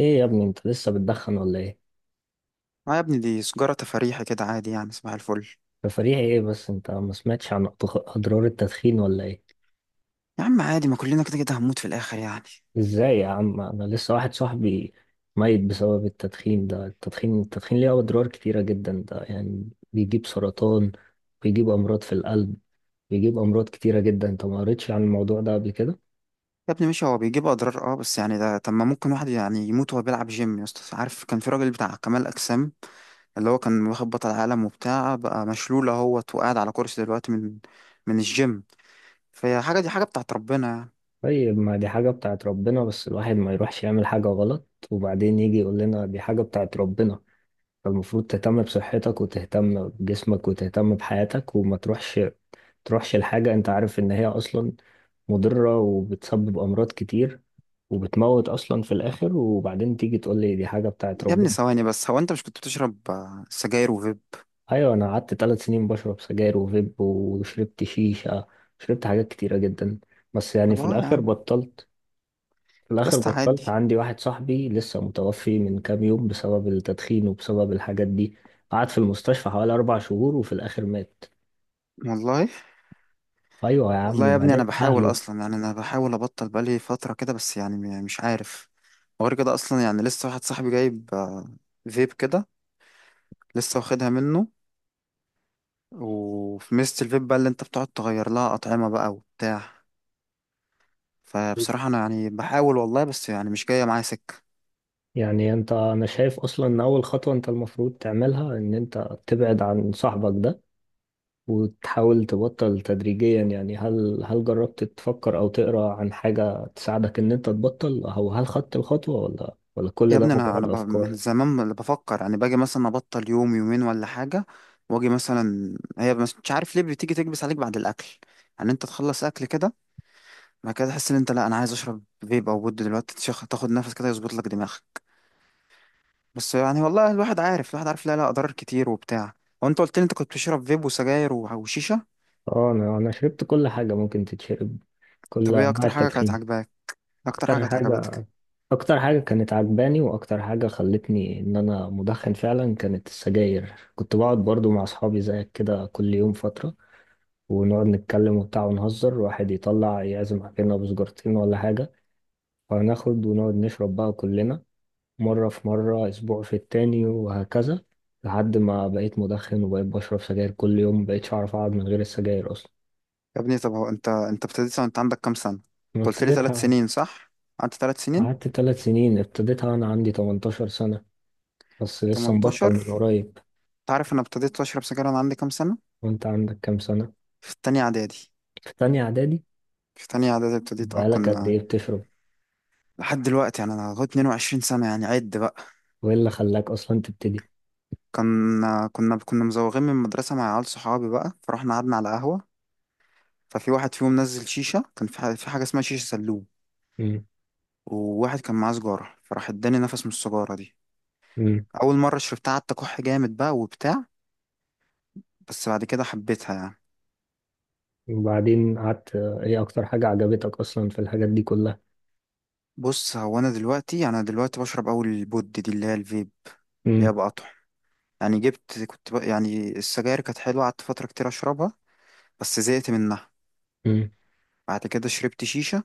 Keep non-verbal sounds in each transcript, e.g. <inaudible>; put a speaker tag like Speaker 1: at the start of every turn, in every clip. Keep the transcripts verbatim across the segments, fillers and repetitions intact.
Speaker 1: ايه يا ابني، انت لسه بتدخن ولا ايه؟
Speaker 2: اه يا ابني، دي سجارة تفريحي كده عادي يعني. صباح الفل.
Speaker 1: تفريحي ايه؟ بس انت ما سمعتش عن أضغ- اضرار التدخين ولا ايه؟
Speaker 2: يا عم عادي، ما كلنا كده كده هنموت في الآخر يعني.
Speaker 1: ازاي يا عم، انا لسه واحد صاحبي ميت بسبب التدخين. ده التدخين التدخين ليه اضرار كتيرة جدا. ده يعني بيجيب سرطان، بيجيب امراض في القلب، بيجيب امراض كتيرة جدا. انت ما قريتش عن الموضوع ده قبل كده؟
Speaker 2: يا ابني ماشي، هو بيجيب أضرار اه بس يعني ده، طب ما ممكن واحد يعني يموت وهو بيلعب جيم؟ يا اسطى عارف كان في راجل بتاع كمال أجسام، اللي هو كان واخد بطل عالم وبتاع، بقى مشلول اهوت وقاعد على كرسي دلوقتي من من الجيم. فهي حاجة، دي حاجة بتاعت ربنا يعني.
Speaker 1: طيب، ما دي حاجة بتاعت ربنا، بس الواحد ما يروحش يعمل حاجة غلط وبعدين يجي يقول لنا دي حاجة بتاعت ربنا. فالمفروض تهتم بصحتك وتهتم بجسمك وتهتم بحياتك وما تروحش تروحش لحاجة انت عارف ان هي اصلا مضرة وبتسبب امراض كتير وبتموت اصلا في الاخر، وبعدين تيجي تقول لي دي حاجة بتاعت
Speaker 2: يا ابني
Speaker 1: ربنا.
Speaker 2: ثواني بس، هو أنت مش كنت بتشرب آه، سجاير وفيب؟
Speaker 1: ايوه، انا قعدت ثلاث سنين بشرب سجاير وفيب، وشربت شيشة، شربت حاجات كتيرة جدا، بس يعني
Speaker 2: طب
Speaker 1: في
Speaker 2: اه يا
Speaker 1: الاخر
Speaker 2: عم.
Speaker 1: بطلت. في
Speaker 2: يا
Speaker 1: الاخر
Speaker 2: اسطى
Speaker 1: بطلت.
Speaker 2: عادي.
Speaker 1: عندي واحد صاحبي لسه متوفي من كام يوم بسبب التدخين وبسبب الحاجات دي. قعد في المستشفى حوالي أربع شهور وفي الآخر مات.
Speaker 2: والله.
Speaker 1: ايوه يا عم،
Speaker 2: والله يا ابني،
Speaker 1: وبعدين
Speaker 2: انا بحاول
Speaker 1: اهله.
Speaker 2: اصلا، يعني انا بحاول ابطل بقالي فتره كده، بس يعني م- مش عارف. وغير كده اصلا يعني لسه واحد صاحبي جايب آه، فيب كده. لسه واخدها منه. وفي ميزه الفيب بقى اللي انت بتقعد تغير لها اطعمه بقى وبتاع. فبصراحه انا يعني بحاول والله، بس يعني مش جايه معايا سكه.
Speaker 1: يعني انت، انا شايف اصلا ان اول خطوه انت المفروض تعملها ان انت تبعد عن صاحبك ده وتحاول تبطل تدريجيا. يعني هل هل جربت تفكر او تقرا عن حاجه تساعدك ان انت تبطل، او هل خدت الخطوه ولا ولا
Speaker 2: يا
Speaker 1: كل ده
Speaker 2: ابني انا انا
Speaker 1: مجرد
Speaker 2: ب- من
Speaker 1: افكار؟
Speaker 2: زمان اللي بفكر يعني، باجي مثلا ابطل يوم يومين ولا حاجه. واجي مثلا، هي مش مش عارف ليه بتيجي تكبس عليك بعد الاكل. يعني انت تخلص اكل كده، بعد كده تحس ان انت، لا انا عايز اشرب فيب او بود دلوقتي، تشخ- تاخد نفس كده يظبط لك دماغك. بس يعني والله، الواحد عارف الواحد عارف، لا لا، اضرار كتير وبتاع. هو انت قلت لي انت كنت بتشرب فيب وسجاير و- وشيشه.
Speaker 1: اه، انا انا شربت كل حاجه ممكن تتشرب، كل
Speaker 2: طب ايه
Speaker 1: انواع
Speaker 2: اكتر حاجه كانت
Speaker 1: التدخين.
Speaker 2: عاجباك؟ اكتر حاجه
Speaker 1: اكتر
Speaker 2: كانت
Speaker 1: حاجه،
Speaker 2: عجبتك؟
Speaker 1: اكتر حاجة كانت عجباني واكتر حاجة خلتني ان انا مدخن فعلا كانت السجاير. كنت بقعد برضو مع اصحابي زيك كده كل يوم فترة، ونقعد نتكلم وبتاع ونهزر. واحد يطلع يعزم علينا بسجارتين ولا حاجة، فناخد ونقعد نشرب بقى كلنا. مرة في مرة، اسبوع في التاني، وهكذا، لحد ما بقيت مدخن وبقيت بشرب سجاير كل يوم، مبقتش اعرف اقعد من غير السجاير اصلا.
Speaker 2: يا ابني طب هو انت انت ابتديت وانت عندك كام سنه؟
Speaker 1: أنا
Speaker 2: انت قلت لي ثلاث
Speaker 1: ابتديتها،
Speaker 2: سنين صح؟ قعدت ثلاث سنين.
Speaker 1: قعدت ثلاث سنين. ابتديتها وانا عندي تمنتاشر سنة، بس لسه مبطل
Speaker 2: تمنتاشر.
Speaker 1: من قريب.
Speaker 2: انت عارف انا ابتديت اشرب سجاير وانا عندي كام سنه؟
Speaker 1: وانت عندك كام سنة؟
Speaker 2: في تانية اعدادي.
Speaker 1: في تانية اعدادي؟
Speaker 2: في تانية اعدادي ابتديت اه
Speaker 1: بقالك قد
Speaker 2: كنا.
Speaker 1: ايه بتشرب؟
Speaker 2: لحد دلوقتي يعني انا لغايه اتنين وعشرين سنه، يعني عد بقى.
Speaker 1: وايه اللي خلاك اصلا تبتدي؟
Speaker 2: كنا كنا كنا مزوغين من المدرسة مع عيال صحابي بقى، فرحنا قعدنا على قهوة. ففي واحد فيهم نزل شيشة، كان في حاجة, في حاجة اسمها شيشة سلوم.
Speaker 1: امم،
Speaker 2: وواحد كان معاه سجارة، فراح اداني نفس من السجارة دي.
Speaker 1: امم،
Speaker 2: أول مرة شربتها قعدت أكح جامد بقى وبتاع. بس بعد كده حبيتها يعني.
Speaker 1: وبعدين قعدت ايه اكتر حاجة عجبتك اصلا في الحاجات دي كلها؟
Speaker 2: بص، هو أنا دلوقتي أنا دلوقتي بشرب أول البود دي اللي هي الفيب، اللي هي
Speaker 1: امم،
Speaker 2: بقطع. يعني جبت، كنت بق... يعني السجاير كانت حلوة، قعدت فترة كتير أشربها، بس زهقت منها.
Speaker 1: امم،
Speaker 2: بعد كده شربت شيشة.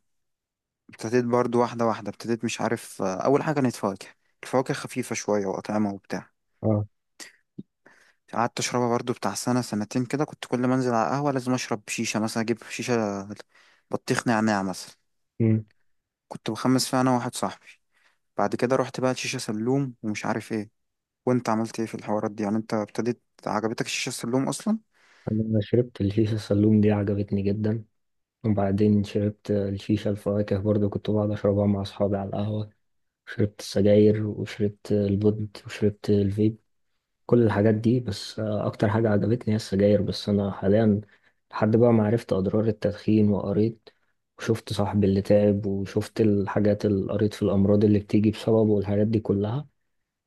Speaker 2: ابتديت برضو واحدة واحدة، ابتديت مش عارف، آه، أول حاجة كانت فواكه. الفواكه خفيفة شوية وأطعمة وبتاع.
Speaker 1: اه،
Speaker 2: قعدت أشربها برضو بتاع سنة سنتين كده. كنت كل ما أنزل على القهوة لازم أشرب شيشة، مثلا أجيب شيشة بطيخ نعناع مثلا.
Speaker 1: امم.
Speaker 2: كنت بخمس فيها أنا وواحد صاحبي. بعد كده رحت بقى لشيشة سلوم ومش عارف إيه. وأنت عملت إيه في الحوارات دي يعني؟ أنت ابتديت؟ عجبتك الشيشة السلوم أصلا؟
Speaker 1: انا شربت الشيشة السلوم دي، عجبتني جدا. وبعدين شربت الشيشة الفواكه برضو، كنت بقعد اشربها مع اصحابي على القهوة. شربت السجاير وشربت البود وشربت الفيب، كل الحاجات دي. بس آه، اكتر حاجة عجبتني هي السجاير. بس انا حاليا لحد بقى ما عرفت اضرار التدخين، وقريت وشفت صاحبي اللي تعب، وشفت الحاجات اللي قريت في الامراض اللي بتيجي بسببه والحاجات دي كلها،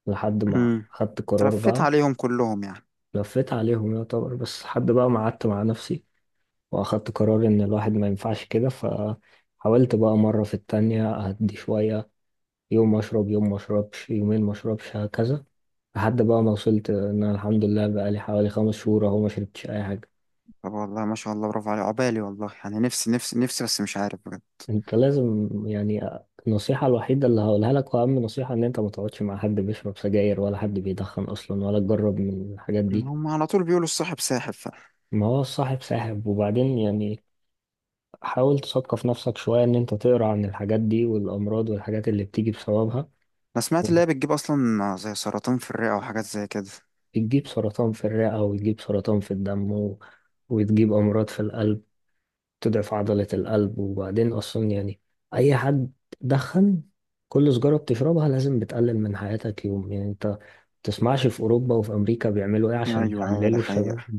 Speaker 1: لحد ما
Speaker 2: امم.
Speaker 1: خدت قرار
Speaker 2: تلفيت
Speaker 1: بقى.
Speaker 2: عليهم كلهم يعني.
Speaker 1: لفيت عليهم يعتبر، بس لحد بقى ما قعدت مع نفسي واخدت قرار ان الواحد ما ينفعش كده، فحاولت بقى مرة في التانية اهدي شوية. يوم اشرب، يوم ما اشربش، يومين ما اشربش، هكذا، لحد بقى ما وصلت ان انا الحمد لله بقى لي حوالي خمس شهور اهو ما شربتش اي حاجه.
Speaker 2: طب والله ما شاء الله، برافو عليك، عقبالي والله. يعني نفسي نفسي نفسي، بس مش عارف بجد.
Speaker 1: انت لازم يعني، النصيحه الوحيده اللي هقولها لك واهم نصيحه ان انت ما تقعدش مع حد بيشرب سجاير ولا حد بيدخن اصلا، ولا تجرب من الحاجات دي.
Speaker 2: هم على طول بيقولوا الصاحب ساحب.
Speaker 1: ما هو الصاحب ساحب، وبعدين يعني حاول تثقف نفسك شويه، ان انت تقرا عن الحاجات دي والامراض والحاجات اللي بتيجي بسببها.
Speaker 2: انا سمعت اللي هي بتجيب اصلا زي سرطان في الرئة وحاجات زي كده.
Speaker 1: بتجيب سرطان في الرئه، وتجيب سرطان في الدم، و... وتجيب امراض في القلب، تضعف عضلة القلب. وبعدين أصلا يعني أي حد دخن، كل سجارة بتشربها لازم بتقلل من حياتك يوم. يعني أنت ما تسمعش في أوروبا وفي أمريكا بيعملوا إيه عشان
Speaker 2: ايوه ايوه،
Speaker 1: يقللوا
Speaker 2: ده
Speaker 1: الشباب،
Speaker 2: حقيقة.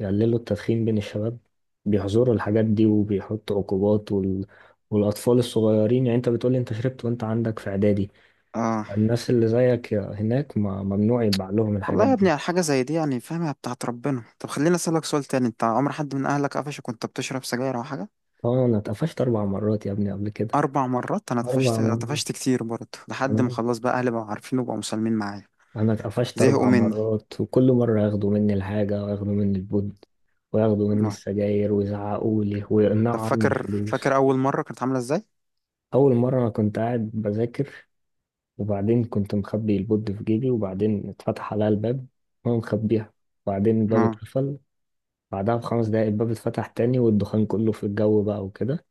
Speaker 1: يقللوا التدخين بين الشباب؟ بيحظروا الحاجات دي وبيحطوا عقوبات، وال... والأطفال الصغيرين يعني. أنت بتقولي أنت شربت وأنت عندك في إعدادي،
Speaker 2: اه.
Speaker 1: الناس اللي زيك هناك ما ممنوع يتباع لهم الحاجات
Speaker 2: والله يا ابني،
Speaker 1: دي.
Speaker 2: على حاجة زي دي يعني، فاهمها بتاعت ربنا. طب خليني اسألك سؤال تاني، انت عمر حد من اهلك قفشك وانت بتشرب سجاير او حاجة؟
Speaker 1: طبعا أنا اتقفشت أربع مرات يا ابني قبل كده.
Speaker 2: اربع مرات. انا
Speaker 1: أربع
Speaker 2: طفشت طفشت كتير برضه، لحد ما
Speaker 1: مرات
Speaker 2: خلاص بقى اهلي بقوا عارفين وبقوا مسالمين معايا.
Speaker 1: انا اتقفشت
Speaker 2: زهقوا
Speaker 1: اربع
Speaker 2: مني.
Speaker 1: مرات وكل مره ياخدوا مني الحاجه وياخدوا مني البود وياخدوا مني
Speaker 2: آه.
Speaker 1: السجاير ويزعقوا لي
Speaker 2: طب
Speaker 1: ويقنعوا عني
Speaker 2: فاكر فاكر
Speaker 1: الفلوس.
Speaker 2: اول مرة كانت عاملة ازاي؟
Speaker 1: اول مره انا كنت قاعد بذاكر، وبعدين كنت مخبي البود في جيبي، وبعدين اتفتح عليا الباب وانا مخبيها، وبعدين الباب
Speaker 2: اه.
Speaker 1: اتقفل. بعدها بخمس دقايق الباب اتفتح تاني والدخان كله في الجو بقى وكده.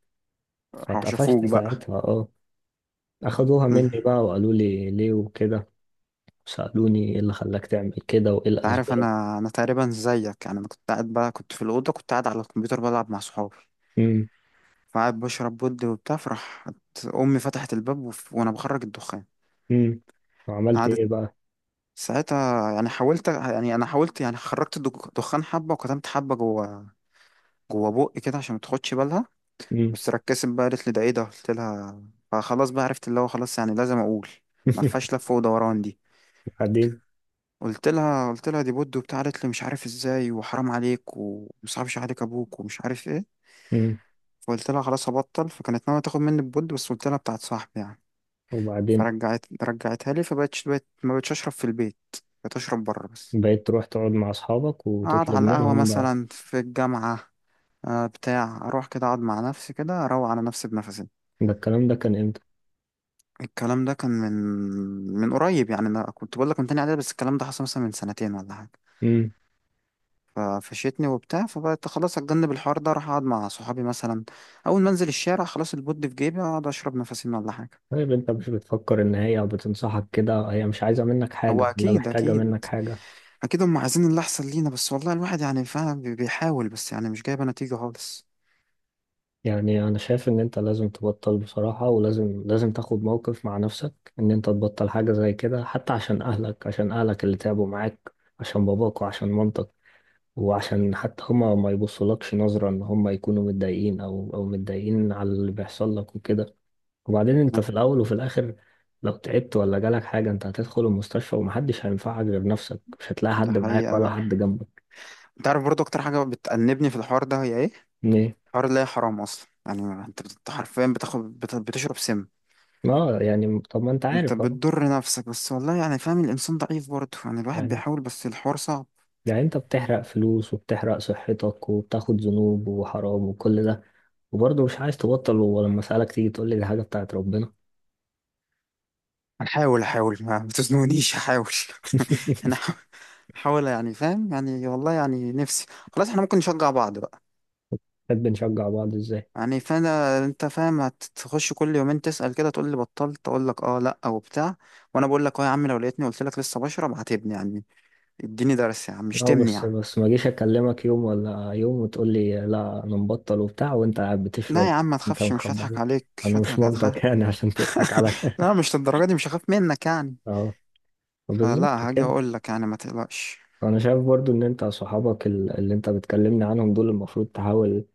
Speaker 2: راحوا
Speaker 1: فاتقفشت
Speaker 2: شافوك بقى؟
Speaker 1: ساعتها، اه. اخدوها مني
Speaker 2: مم.
Speaker 1: بقى وقالوا لي ليه وكده، سألوني ايه اللي خلاك تعمل كده وايه
Speaker 2: انت عارف،
Speaker 1: الاسباب.
Speaker 2: انا انا تقريبا زيك، يعني انا كنت قاعد بقى، كنت في الاوضه، كنت قاعد على الكمبيوتر بلعب مع صحابي. فقعد بشرب بود وبتاع، فراح امي فتحت الباب، وف- وانا بخرج الدخان.
Speaker 1: امم، وعملت
Speaker 2: قعدت
Speaker 1: ايه بقى؟
Speaker 2: ساعتها يعني حاولت يعني انا حاولت يعني، خرجت الدك- دخان حبه وكتمت حبه جوه، جوه بقي كده عشان ما تاخدش بالها.
Speaker 1: امم،
Speaker 2: بس ركزت بقى، قالت لي ده ايه ده؟ قلت لها، فخلاص بقى عرفت اللي هو خلاص، يعني لازم اقول، ما
Speaker 1: <laughs>
Speaker 2: فيهاش لف ودوران دي.
Speaker 1: وبعدين؟
Speaker 2: قلت لها قلت لها دي بود وبتاع. قالت لي مش عارف ازاي، وحرام عليك، ومصعبش عليك ابوك، ومش عارف ايه.
Speaker 1: امم،
Speaker 2: فقلت لها خلاص هبطل، فكانت ناويه تاخد مني البود، بس قلت لها بتاعت صاحبي يعني.
Speaker 1: وبعدين
Speaker 2: فرجعت رجعتها لي، فبقتش بقت ما بقتش اشرب في البيت، بقيت اشرب بره بس.
Speaker 1: بقيت تروح تقعد مع اصحابك
Speaker 2: اقعد
Speaker 1: وتطلب
Speaker 2: على القهوه
Speaker 1: منهم بقى؟
Speaker 2: مثلا في الجامعه، آه، بتاع اروح كده اقعد مع نفسي كده، اروق على نفسي بنفسي.
Speaker 1: ده الكلام ده كان امتى؟
Speaker 2: الكلام ده كان من من قريب يعني، انا كنت بقول لك من تاني اعدادي، بس الكلام ده حصل مثلا من سنتين ولا حاجه.
Speaker 1: امم.
Speaker 2: ففشيتني وبتاع، فبقيت خلاص اتجنب الحوار ده، اروح اقعد مع صحابي مثلا. اول ما انزل الشارع خلاص البود في جيبي، اقعد اشرب نفسي ولا حاجه.
Speaker 1: طيب انت مش بتفكر ان هي بتنصحك كده، هي مش عايزة منك
Speaker 2: هو
Speaker 1: حاجة ولا
Speaker 2: اكيد
Speaker 1: محتاجة
Speaker 2: اكيد.
Speaker 1: منك حاجة؟
Speaker 2: اكيد هم عايزين اللي احسن لينا، بس والله الواحد يعني فعلا بي- بيحاول، بس يعني مش جايبه نتيجه خالص.
Speaker 1: يعني انا شايف ان انت لازم تبطل بصراحة، ولازم لازم تاخد موقف مع نفسك ان انت تبطل حاجة زي كده، حتى عشان اهلك، عشان اهلك اللي تعبوا معاك، عشان باباك وعشان مامتك. وعشان حتى هما ما يبصولكش نظرة ان هما يكونوا متضايقين او او متضايقين على اللي بيحصل لك وكده. وبعدين انت في الاول وفي الاخر لو تعبت ولا جالك حاجة، انت هتدخل المستشفى ومحدش هينفعك غير نفسك، مش هتلاقي
Speaker 2: ده
Speaker 1: حد معاك
Speaker 2: حقيقه
Speaker 1: ولا
Speaker 2: بقى.
Speaker 1: حد جنبك.
Speaker 2: انت عارف برضه اكتر حاجه بتأنبني في الحوار ده هي ايه؟
Speaker 1: ليه؟
Speaker 2: حوار اللي هي حرام اصلا، يعني انت بت- حرفيا بتاخد بت- بتشرب سم.
Speaker 1: اه، يعني طب ما انت
Speaker 2: انت
Speaker 1: عارف اهو.
Speaker 2: بتضر نفسك بس، والله يعني فاهم، الانسان ضعيف برضه يعني، الواحد
Speaker 1: يعني
Speaker 2: بيحاول بس الحوار صعب.
Speaker 1: يعني انت بتحرق فلوس وبتحرق صحتك وبتاخد ذنوب وحرام وكل ده، وبرضه مش عايز تبطل، ولما اسألك تيجي تقول لي دي حاجة بتاعت ربنا.
Speaker 2: هنحاول احاول، ما ما تزنونيش، احاول <laughs> انا احاول، يعني فاهم يعني، والله يعني نفسي. خلاص احنا ممكن نشجع بعض بقى.
Speaker 1: <laughs> بنشجع بعض ازاي؟
Speaker 2: يعني فانا انت فاهم، هتخش كل يومين تسأل كده، تقول لي بطلت؟ اقول لك اه لا او بتاع. وانا بقول لك اه يا عم، لو لقيتني قلت لك لسه بشرب، هتبني يعني، اديني درس يا عم،
Speaker 1: اه
Speaker 2: شتمني يا
Speaker 1: بس،
Speaker 2: عم.
Speaker 1: بس ما جيش اكلمك يوم ولا يوم وتقول لي لا انا مبطل وبتاع وانت قاعد
Speaker 2: لا
Speaker 1: بتشرب.
Speaker 2: يا عم ما
Speaker 1: انت
Speaker 2: تخافش، مش
Speaker 1: مخبي
Speaker 2: هضحك
Speaker 1: عليا،
Speaker 2: عليك، مش
Speaker 1: انا مش
Speaker 2: هضحك هتخاف.
Speaker 1: منطق <laughs> يعني عشان تضحك
Speaker 2: <laughs>
Speaker 1: عليا.
Speaker 2: لا مش للدرجه دي، مش هخاف منك يعني.
Speaker 1: <laughs> اه، بالظبط
Speaker 2: فلا هاجي
Speaker 1: كده.
Speaker 2: اقول لك يعني، ما تقلقش.
Speaker 1: انا شايف برضو ان انت صحابك، ال- اللي انت بتكلمني عنهم دول، المفروض تحاول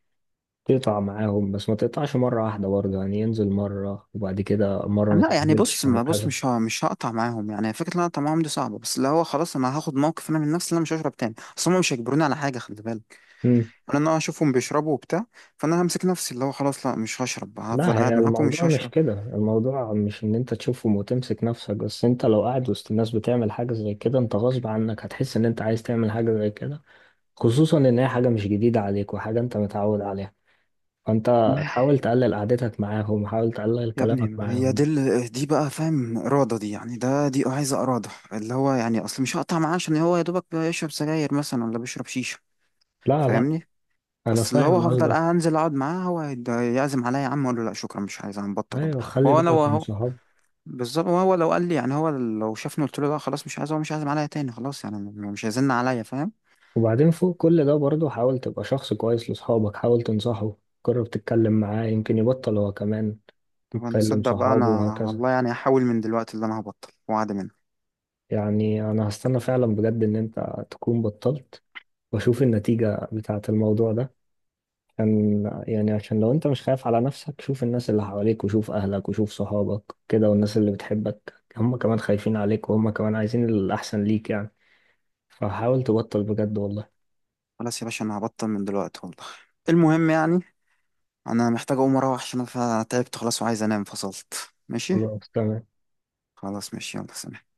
Speaker 1: تقطع معاهم، بس ما تقطعش مرة واحدة برضو. يعني ينزل مرة، وبعد كده مرة ما
Speaker 2: لا يعني
Speaker 1: تنزلش،
Speaker 2: بص ما بص،
Speaker 1: وهكذا.
Speaker 2: مش ه- مش هقطع معاهم، يعني فكره ان انا اقطع معاهم دي صعبه، بس اللي هو خلاص انا هاخد موقف انا من نفسي ان انا مش هشرب تاني، اصل هم مش هيجبروني على حاجه، خلي بالك.
Speaker 1: مم.
Speaker 2: انا أنا اشوفهم بيشربوا وبتاع، فانا همسك نفسي، اللي هو خلاص لا مش هشرب،
Speaker 1: لا،
Speaker 2: هفضل
Speaker 1: هي
Speaker 2: قاعد معاكم مش
Speaker 1: الموضوع مش
Speaker 2: هشرب.
Speaker 1: كده. الموضوع مش ان انت تشوفهم وتمسك نفسك بس. انت لو قاعد وسط الناس بتعمل حاجة زي كده، انت غصب عنك هتحس ان انت عايز تعمل حاجة زي كده، خصوصا ان هي حاجة مش جديدة عليك وحاجة انت متعود عليها. فانت حاول تقلل قعدتك معاهم، حاول تقلل
Speaker 2: يا
Speaker 1: كلامك
Speaker 2: ابني هي
Speaker 1: معاهم.
Speaker 2: دي ال- دي بقى، فاهم؟ إرادة دي يعني، ده دي عايزة إرادة، اللي هو يعني أصل مش هقطع معاه عشان هو يا دوبك بيشرب سجاير مثلا ولا بيشرب شيشة،
Speaker 1: لا لا
Speaker 2: فاهمني؟
Speaker 1: انا
Speaker 2: بس اللي هو
Speaker 1: فاهم
Speaker 2: هفضل
Speaker 1: قصدك.
Speaker 2: قاعد، أنزل أقعد معاه، هو هيد- يعزم عليا، يا عم أقول له لا شكرا مش عايز، أنا مبطل والله.
Speaker 1: ايوه، خلي
Speaker 2: وهو أنا
Speaker 1: بالك من
Speaker 2: وهو
Speaker 1: صحابك.
Speaker 2: بالظبط. وهو لو قال لي يعني، هو لو شافني قلت له لا خلاص مش عايز، هو مش عايز عليا تاني خلاص يعني، م- مش هيزن عليا، فاهم؟
Speaker 1: وبعدين فوق كل ده برضه، حاول تبقى شخص كويس لصحابك، حاول تنصحه، جرب تتكلم معاه يمكن يبطل هو كمان،
Speaker 2: طب انا
Speaker 1: يتكلم
Speaker 2: اصدق بقى
Speaker 1: صحابه
Speaker 2: انا
Speaker 1: وهكذا.
Speaker 2: والله يعني هحاول من دلوقتي اللي انا هبطل، وعد مني.
Speaker 1: يعني انا هستنى فعلا بجد ان انت تكون بطلت، واشوف النتيجة بتاعة الموضوع ده. عشان يعني عشان لو انت مش خايف على نفسك، شوف الناس اللي حواليك، وشوف اهلك وشوف صحابك كده، والناس اللي بتحبك هم كمان خايفين عليك، وهم كمان عايزين الاحسن ليك يعني. فحاول تبطل بجد والله.
Speaker 2: خلاص يا باشا انا هبطل من دلوقتي والله. المهم يعني، انا محتاج اقوم اروح، عشان انا تعبت خلاص وعايز انام، فصلت ماشي.
Speaker 1: خلاص تمام.
Speaker 2: خلاص ماشي، يلا سلام.